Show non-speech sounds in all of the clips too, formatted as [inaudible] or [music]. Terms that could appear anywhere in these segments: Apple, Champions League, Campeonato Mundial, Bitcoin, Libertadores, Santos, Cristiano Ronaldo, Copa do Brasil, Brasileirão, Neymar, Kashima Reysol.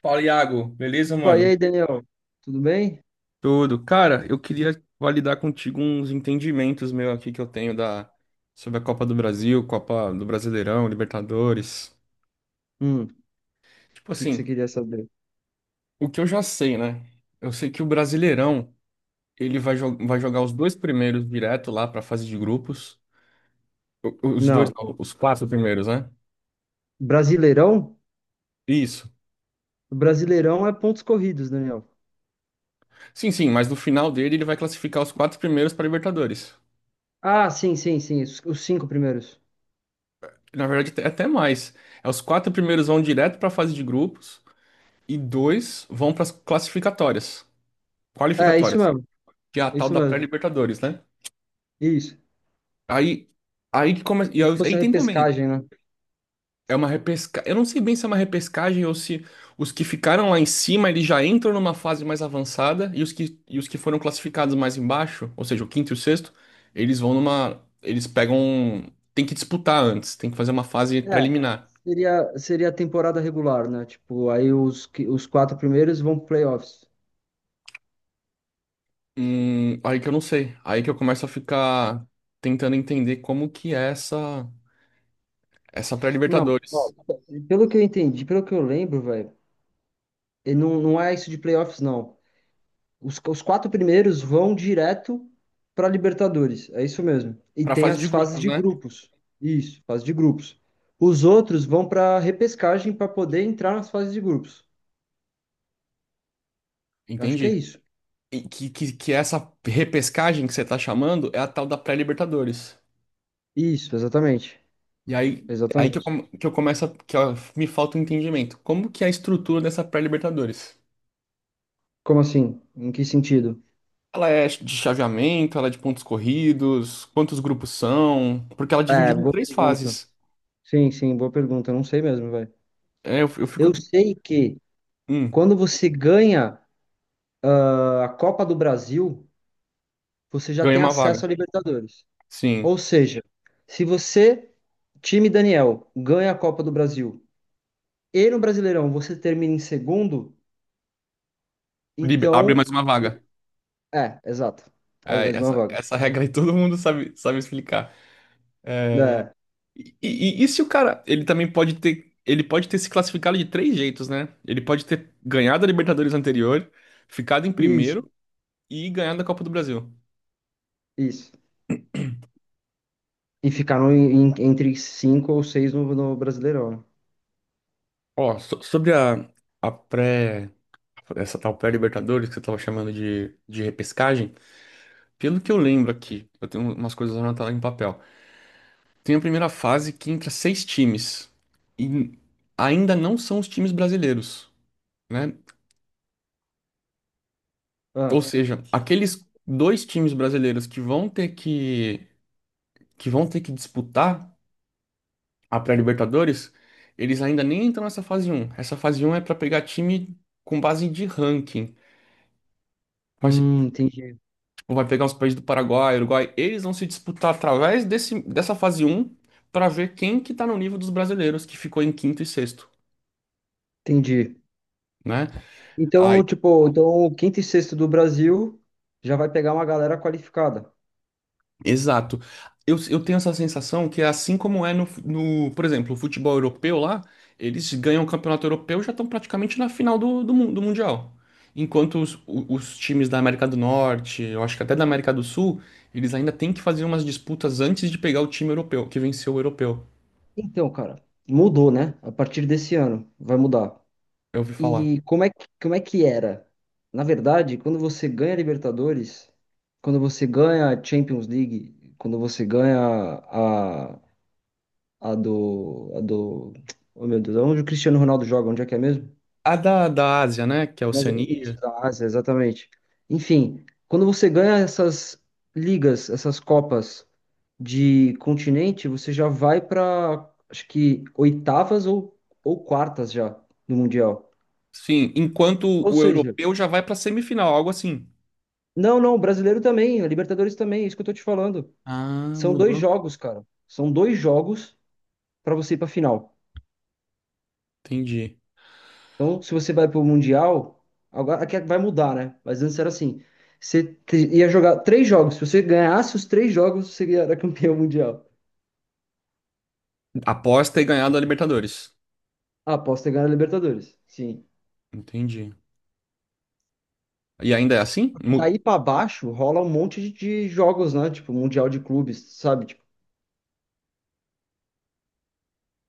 Fala, Iago. Beleza, Pô, e mano? aí, Daniel? Tudo bem? Tudo. Cara, eu queria validar contigo uns entendimentos meu aqui que eu tenho da sobre a Copa do Brasil, Copa do Brasileirão, Libertadores. O Tipo que que você assim, queria saber? o que eu já sei, né? Eu sei que o Brasileirão, ele vai jogar os dois primeiros direto lá pra fase de grupos. Os dois, Não. não, os quatro primeiros, né? Brasileirão? Isso. Brasileirão é pontos corridos, Daniel. Sim, sim, mas no final dele ele vai classificar os quatro primeiros para Libertadores. Ah, sim, sim, sim. Os cinco primeiros. Na verdade, até mais. É os quatro primeiros vão direto para a fase de grupos. E dois vão para as classificatórias, É, isso qualificatórias, mesmo. que é a É tal Isso da mesmo. pré-Libertadores, né? Isso. Aí, aí que começa, e Como se fosse aí a tem também, repescagem, né? é uma repesca, eu não sei bem se é uma repescagem ou se os que ficaram lá em cima, eles já entram numa fase mais avançada e os que foram classificados mais embaixo, ou seja, o quinto e o sexto, eles vão numa, eles pegam, tem que disputar antes, tem que fazer uma fase É, preliminar. seria a temporada regular, né? Tipo, aí os, os quatro primeiros vão pro playoffs. Aí que eu não sei, aí que eu começo a ficar tentando entender como que é essa Não, ó, pré-Libertadores. pelo que eu entendi, pelo que eu lembro, velho, e não é isso de playoffs, não. Os quatro primeiros vão direto para Libertadores, é isso mesmo. Pra Libertadores. E Pra tem fase de as fases grupos, de né? grupos. Isso, fase de grupos. Os outros vão para repescagem para poder entrar nas fases de grupos. Eu acho que é Entendi. isso. E que essa repescagem que você tá chamando é a tal da pré-Libertadores. Isso, exatamente. E aí, é aí que eu, Exatamente. come- que eu começo, que ó, me falta um entendimento. Como que é a estrutura dessa pré-Libertadores? Como assim? Em que sentido? Ela é de chaveamento, ela é de pontos corridos, quantos grupos são? Porque ela é É, dividida em boa três pergunta. fases. Sim, sim, boa pergunta. Eu não sei mesmo, velho. É, eu fico Eu aqui. sei que Hum, quando você ganha a Copa do Brasil, você já Ganhei tem uma acesso vaga. à Libertadores. Sim. Ou seja, se você, time Daniel, ganha a Copa do Brasil e no Brasileirão você termina em segundo, Abre então. mais uma vaga. É, exato. Abre É, mais uma essa, vaga. essa regra aí [laughs] todo mundo sabe, sabe explicar. É, E se o cara, ele pode ter se classificado de três jeitos, né? Ele pode ter ganhado a Libertadores anterior, ficado em isso, primeiro e ganhado a Copa do Brasil. isso. E ficar no- em- entre cinco ou seis no, no Brasileirão. Né? Ó, sobre a pré, essa tal pré-Libertadores que você tava chamando de, repescagem, pelo que eu lembro aqui, eu tenho umas coisas anotadas em papel. Tem a primeira fase que entra seis times e ainda não são os times brasileiros, né? Ou Ah, seja, aqueles dois times brasileiros que vão ter que disputar a pré-Libertadores, eles ainda nem entram nessa fase um. Essa fase um é para pegar time com base de ranking. Vai se- entendi, tipo, vai pegar os países do Paraguai, Uruguai, eles vão se disputar através desse, dessa fase um para ver quem que tá no nível dos brasileiros que ficou em quinto e sexto, entendi. né? Então, tipo, então o quinto e sexto do Brasil já vai pegar uma galera qualificada. Exato. Eu tenho essa sensação que é assim como é no, no, por exemplo, o futebol europeu lá, eles ganham o campeonato europeu e já estão praticamente na final do Mundial. Enquanto os times da América do Norte, eu acho que até da América do Sul, eles ainda têm que fazer umas disputas antes de pegar o time europeu, que venceu o europeu. Então, cara, mudou, né? A partir desse ano vai mudar. Eu ouvi falar. E como é que era? Na verdade, quando você ganha Libertadores, quando você ganha a Champions League, quando você ganha a, a do, a do, oh meu Deus, onde o Cristiano Ronaldo joga, onde é que é mesmo? A da Ásia, né? Que é a Mas, isso, Oceania. da Ásia, exatamente. Enfim, quando você ganha essas ligas, essas copas de continente, você já vai para, acho que oitavas ou quartas já no Mundial. Sim, enquanto Ou o seja, europeu já vai pra semifinal, algo assim. não, não, o brasileiro também, a Libertadores também, é isso que eu tô te falando. Ah, São dois mudou. jogos, cara. São dois jogos pra você ir pra final. Entendi. Então, se você vai pro Mundial, agora aqui vai mudar, né? Mas antes era assim, ia jogar três jogos. Se você ganhasse os três jogos, você era campeão mundial. Após ter ganhado a Libertadores. Ah, posso ter ganhado a Libertadores. Sim. Entendi. E ainda é assim? Daí pra baixo rola um monte de jogos, né? Tipo, Mundial de clubes, sabe? Tipo,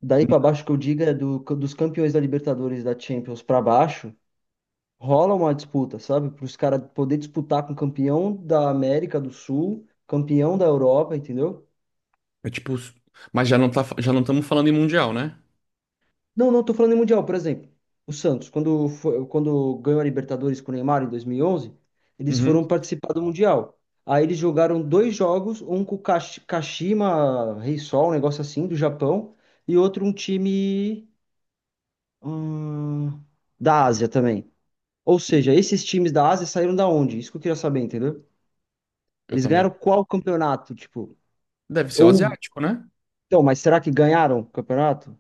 daí pra baixo que eu digo é dos campeões da Libertadores, e da Champions pra baixo. Rola uma disputa, sabe? Para os caras poder disputar com o campeão da América do Sul, campeão da Europa, entendeu? É tipo. Mas já não estamos falando em mundial, né? Não, não tô falando em Mundial, por exemplo. O Santos, quando, foi, quando ganhou a Libertadores com o Neymar em 2011, eles Uhum. foram participar do Mundial. Aí eles jogaram dois jogos, um com o Kashima Reysol, um negócio assim, do Japão, e outro um time hum, da Ásia também. Ou seja, esses times da Ásia saíram da onde? Isso que eu queria saber, entendeu? Eu Eles também. ganharam qual campeonato, tipo? Deve ser o Ou, asiático, né? então, mas será que ganharam o campeonato?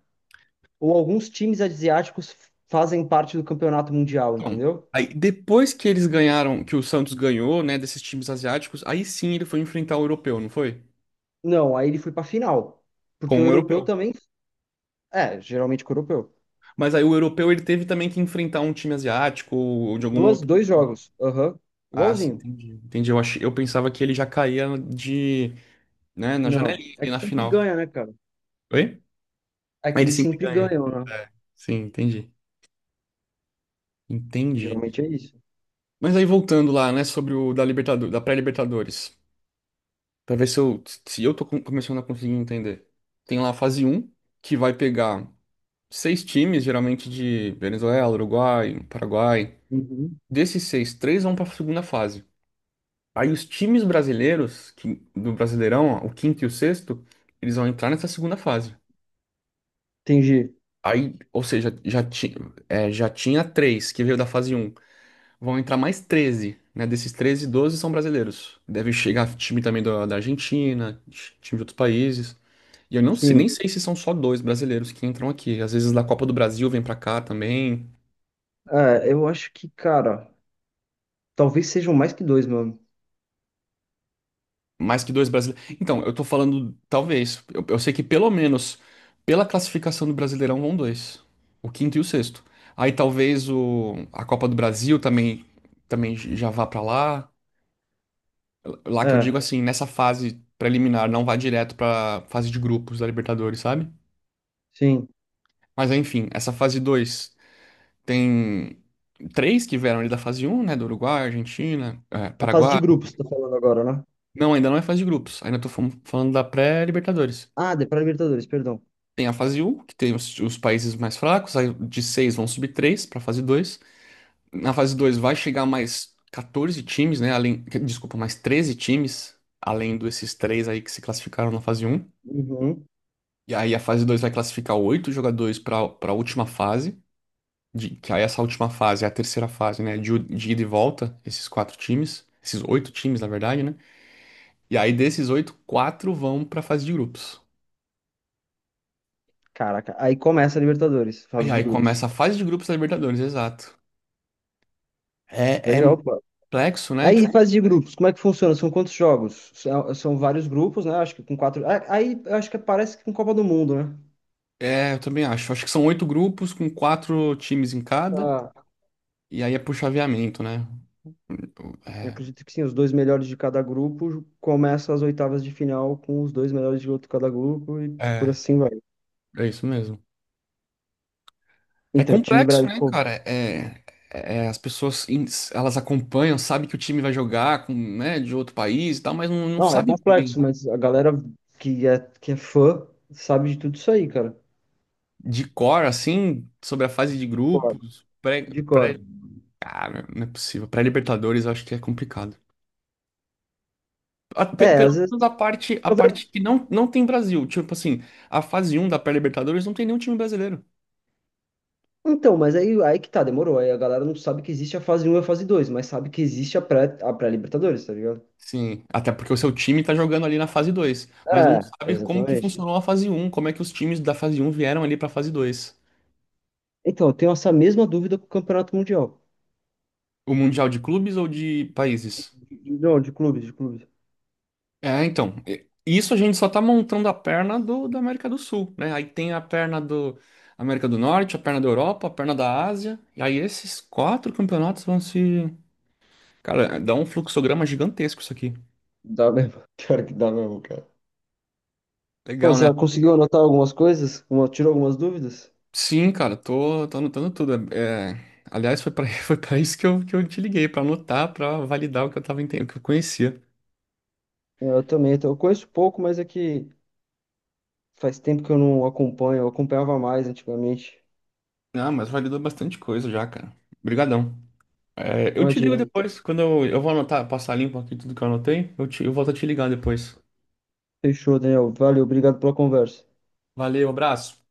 Ou alguns times asiáticos fazem parte do campeonato mundial, Então, entendeu? aí depois que eles ganharam, que o Santos ganhou, né, desses times asiáticos, aí sim ele foi enfrentar o europeu, não foi? Não, aí ele foi pra final. Porque o Com o europeu europeu. também. É, geralmente com o europeu. Mas aí o europeu ele teve também que enfrentar um time asiático ou de algum Duas, outro dois time. jogos. Aham. Ah, sim, Igualzinho. entendi. Entendi. Eu pensava que ele já caía né, na Não. janelinha É ali que na sempre final. ganha, né, cara? Oi? É Aí que ele eles sempre sempre ganha. ganham, né? É. Sim, entendi. Entendi. Geralmente é isso. Mas aí voltando lá, né, sobre da pré-Libertadores. Pra ver se eu tô começando a conseguir entender. Tem lá a fase um que vai pegar seis times, geralmente de Venezuela, Uruguai, Paraguai. Uhum. Desses seis, três vão pra segunda fase. Aí os times brasileiros, do Brasileirão, ó, o quinto e o sexto, eles vão entrar nessa segunda fase. Entendi. Aí, ou seja, já tinha três que veio da fase um. Vão entrar mais 13, né? Desses 13, 12 são brasileiros. Deve chegar time também da Argentina, time de outros países. E eu não sei, nem Sim. sei se são só dois brasileiros que entram aqui. Às vezes da Copa do Brasil vem pra cá também. É, eu acho que, cara, talvez sejam mais que dois, mano. Mais que dois brasileiros. Então, eu tô falando, talvez. Eu sei que pelo menos pela classificação do Brasileirão vão dois. O quinto e o sexto. Aí talvez o, a Copa do Brasil também, já vá pra lá. Lá que eu É, digo assim, nessa fase preliminar, não vai direto pra fase de grupos da Libertadores, sabe? sim. Mas enfim, essa fase 2 tem três que vieram ali da fase um, né? Do Uruguai, Argentina, A fase de Paraguai. grupos, tá falando agora, né? Não, ainda não é fase de grupos. Ainda tô falando da pré-Libertadores. Ah, de para Libertadores, perdão. Tem a fase um que tem os países mais fracos, aí de 6 vão subir 3 para fase dois. Na fase 2 vai chegar mais 14 times, né? Além, desculpa, mais 13 times, além desses três aí que se classificaram na fase um. Uhum. E aí a fase 2 vai classificar oito jogadores para a última fase, que aí essa última fase é a terceira fase, né? De ida e volta, esses quatro times, esses oito times, na verdade, né? E aí desses oito, quatro vão para a fase de grupos. Caraca, aí começa a Libertadores, E fase de aí grupos. começa a fase de grupos da Libertadores, exato. É Legal, pô. complexo, né? Aí, Tipo, fase de grupos, como é que funciona? São quantos jogos? São, são vários grupos, né? Acho que com quatro. Aí, eu acho que parece que com Copa do Mundo, né? é, eu também acho. Acho que são oito grupos com quatro times em cada, Ah, e aí é por chaveamento, né? eu É, acredito que sim, os dois melhores de cada grupo começam as oitavas de final com os dois melhores de outro cada grupo e por é, assim vai. É isso mesmo. É Então, o time complexo, né, brasileiro. cara? É, as pessoas elas acompanham, sabem que o time vai jogar com, né, de outro país e tal, mas não Não, é sabe complexo, bem mas a galera que é fã sabe de tudo isso aí, cara. de cor, assim, sobre a fase de De cor. grupos, De cor. Ah, não é possível. Pré-Libertadores, eu acho que é complicado. A- pe- É, Pelo às vezes. menos a parte que não tem Brasil. Tipo assim, a fase um da pré-Libertadores não tem nenhum time brasileiro. Então, mas aí, aí que tá, demorou. Aí a galera não sabe que existe a fase um e a fase 2, mas sabe que existe a pré, a pré-Libertadores, tá ligado? Sim, até porque o seu time tá jogando ali na fase 2, mas não É, sabe como que exatamente. funcionou a fase um, como é que os times da fase um vieram ali pra fase 2. Então, eu tenho essa mesma dúvida com o Campeonato Mundial. O Mundial de clubes ou de países? Não, de clubes, de clubes. É, então, isso a gente só tá montando a perna do, da América do Sul, né? Aí tem a perna do América do Norte, a perna da Europa, a perna da Ásia, e aí esses quatro campeonatos vão se. Cara, dá um fluxograma gigantesco isso aqui. Dá mesmo. [laughs] Pior que dá mesmo, cara. Pô, Legal, né? você conseguiu anotar algumas coisas? Tirou algumas dúvidas? Sim, cara, tô anotando tudo. É, aliás, foi pra, [laughs] foi pra isso que eu te liguei, pra anotar, pra validar o que eu tava entendendo, o que eu conhecia. Eu também, então, eu conheço pouco, mas é que faz tempo que eu não acompanho, eu acompanhava mais antigamente. Ah, mas validou bastante coisa já, cara. Obrigadão. É, eu te ligo Imagina. depois, quando eu vou anotar, passar limpo aqui tudo que eu anotei, eu volto a te ligar depois. Fechou, Daniel. Valeu, obrigado pela conversa. Valeu, abraço.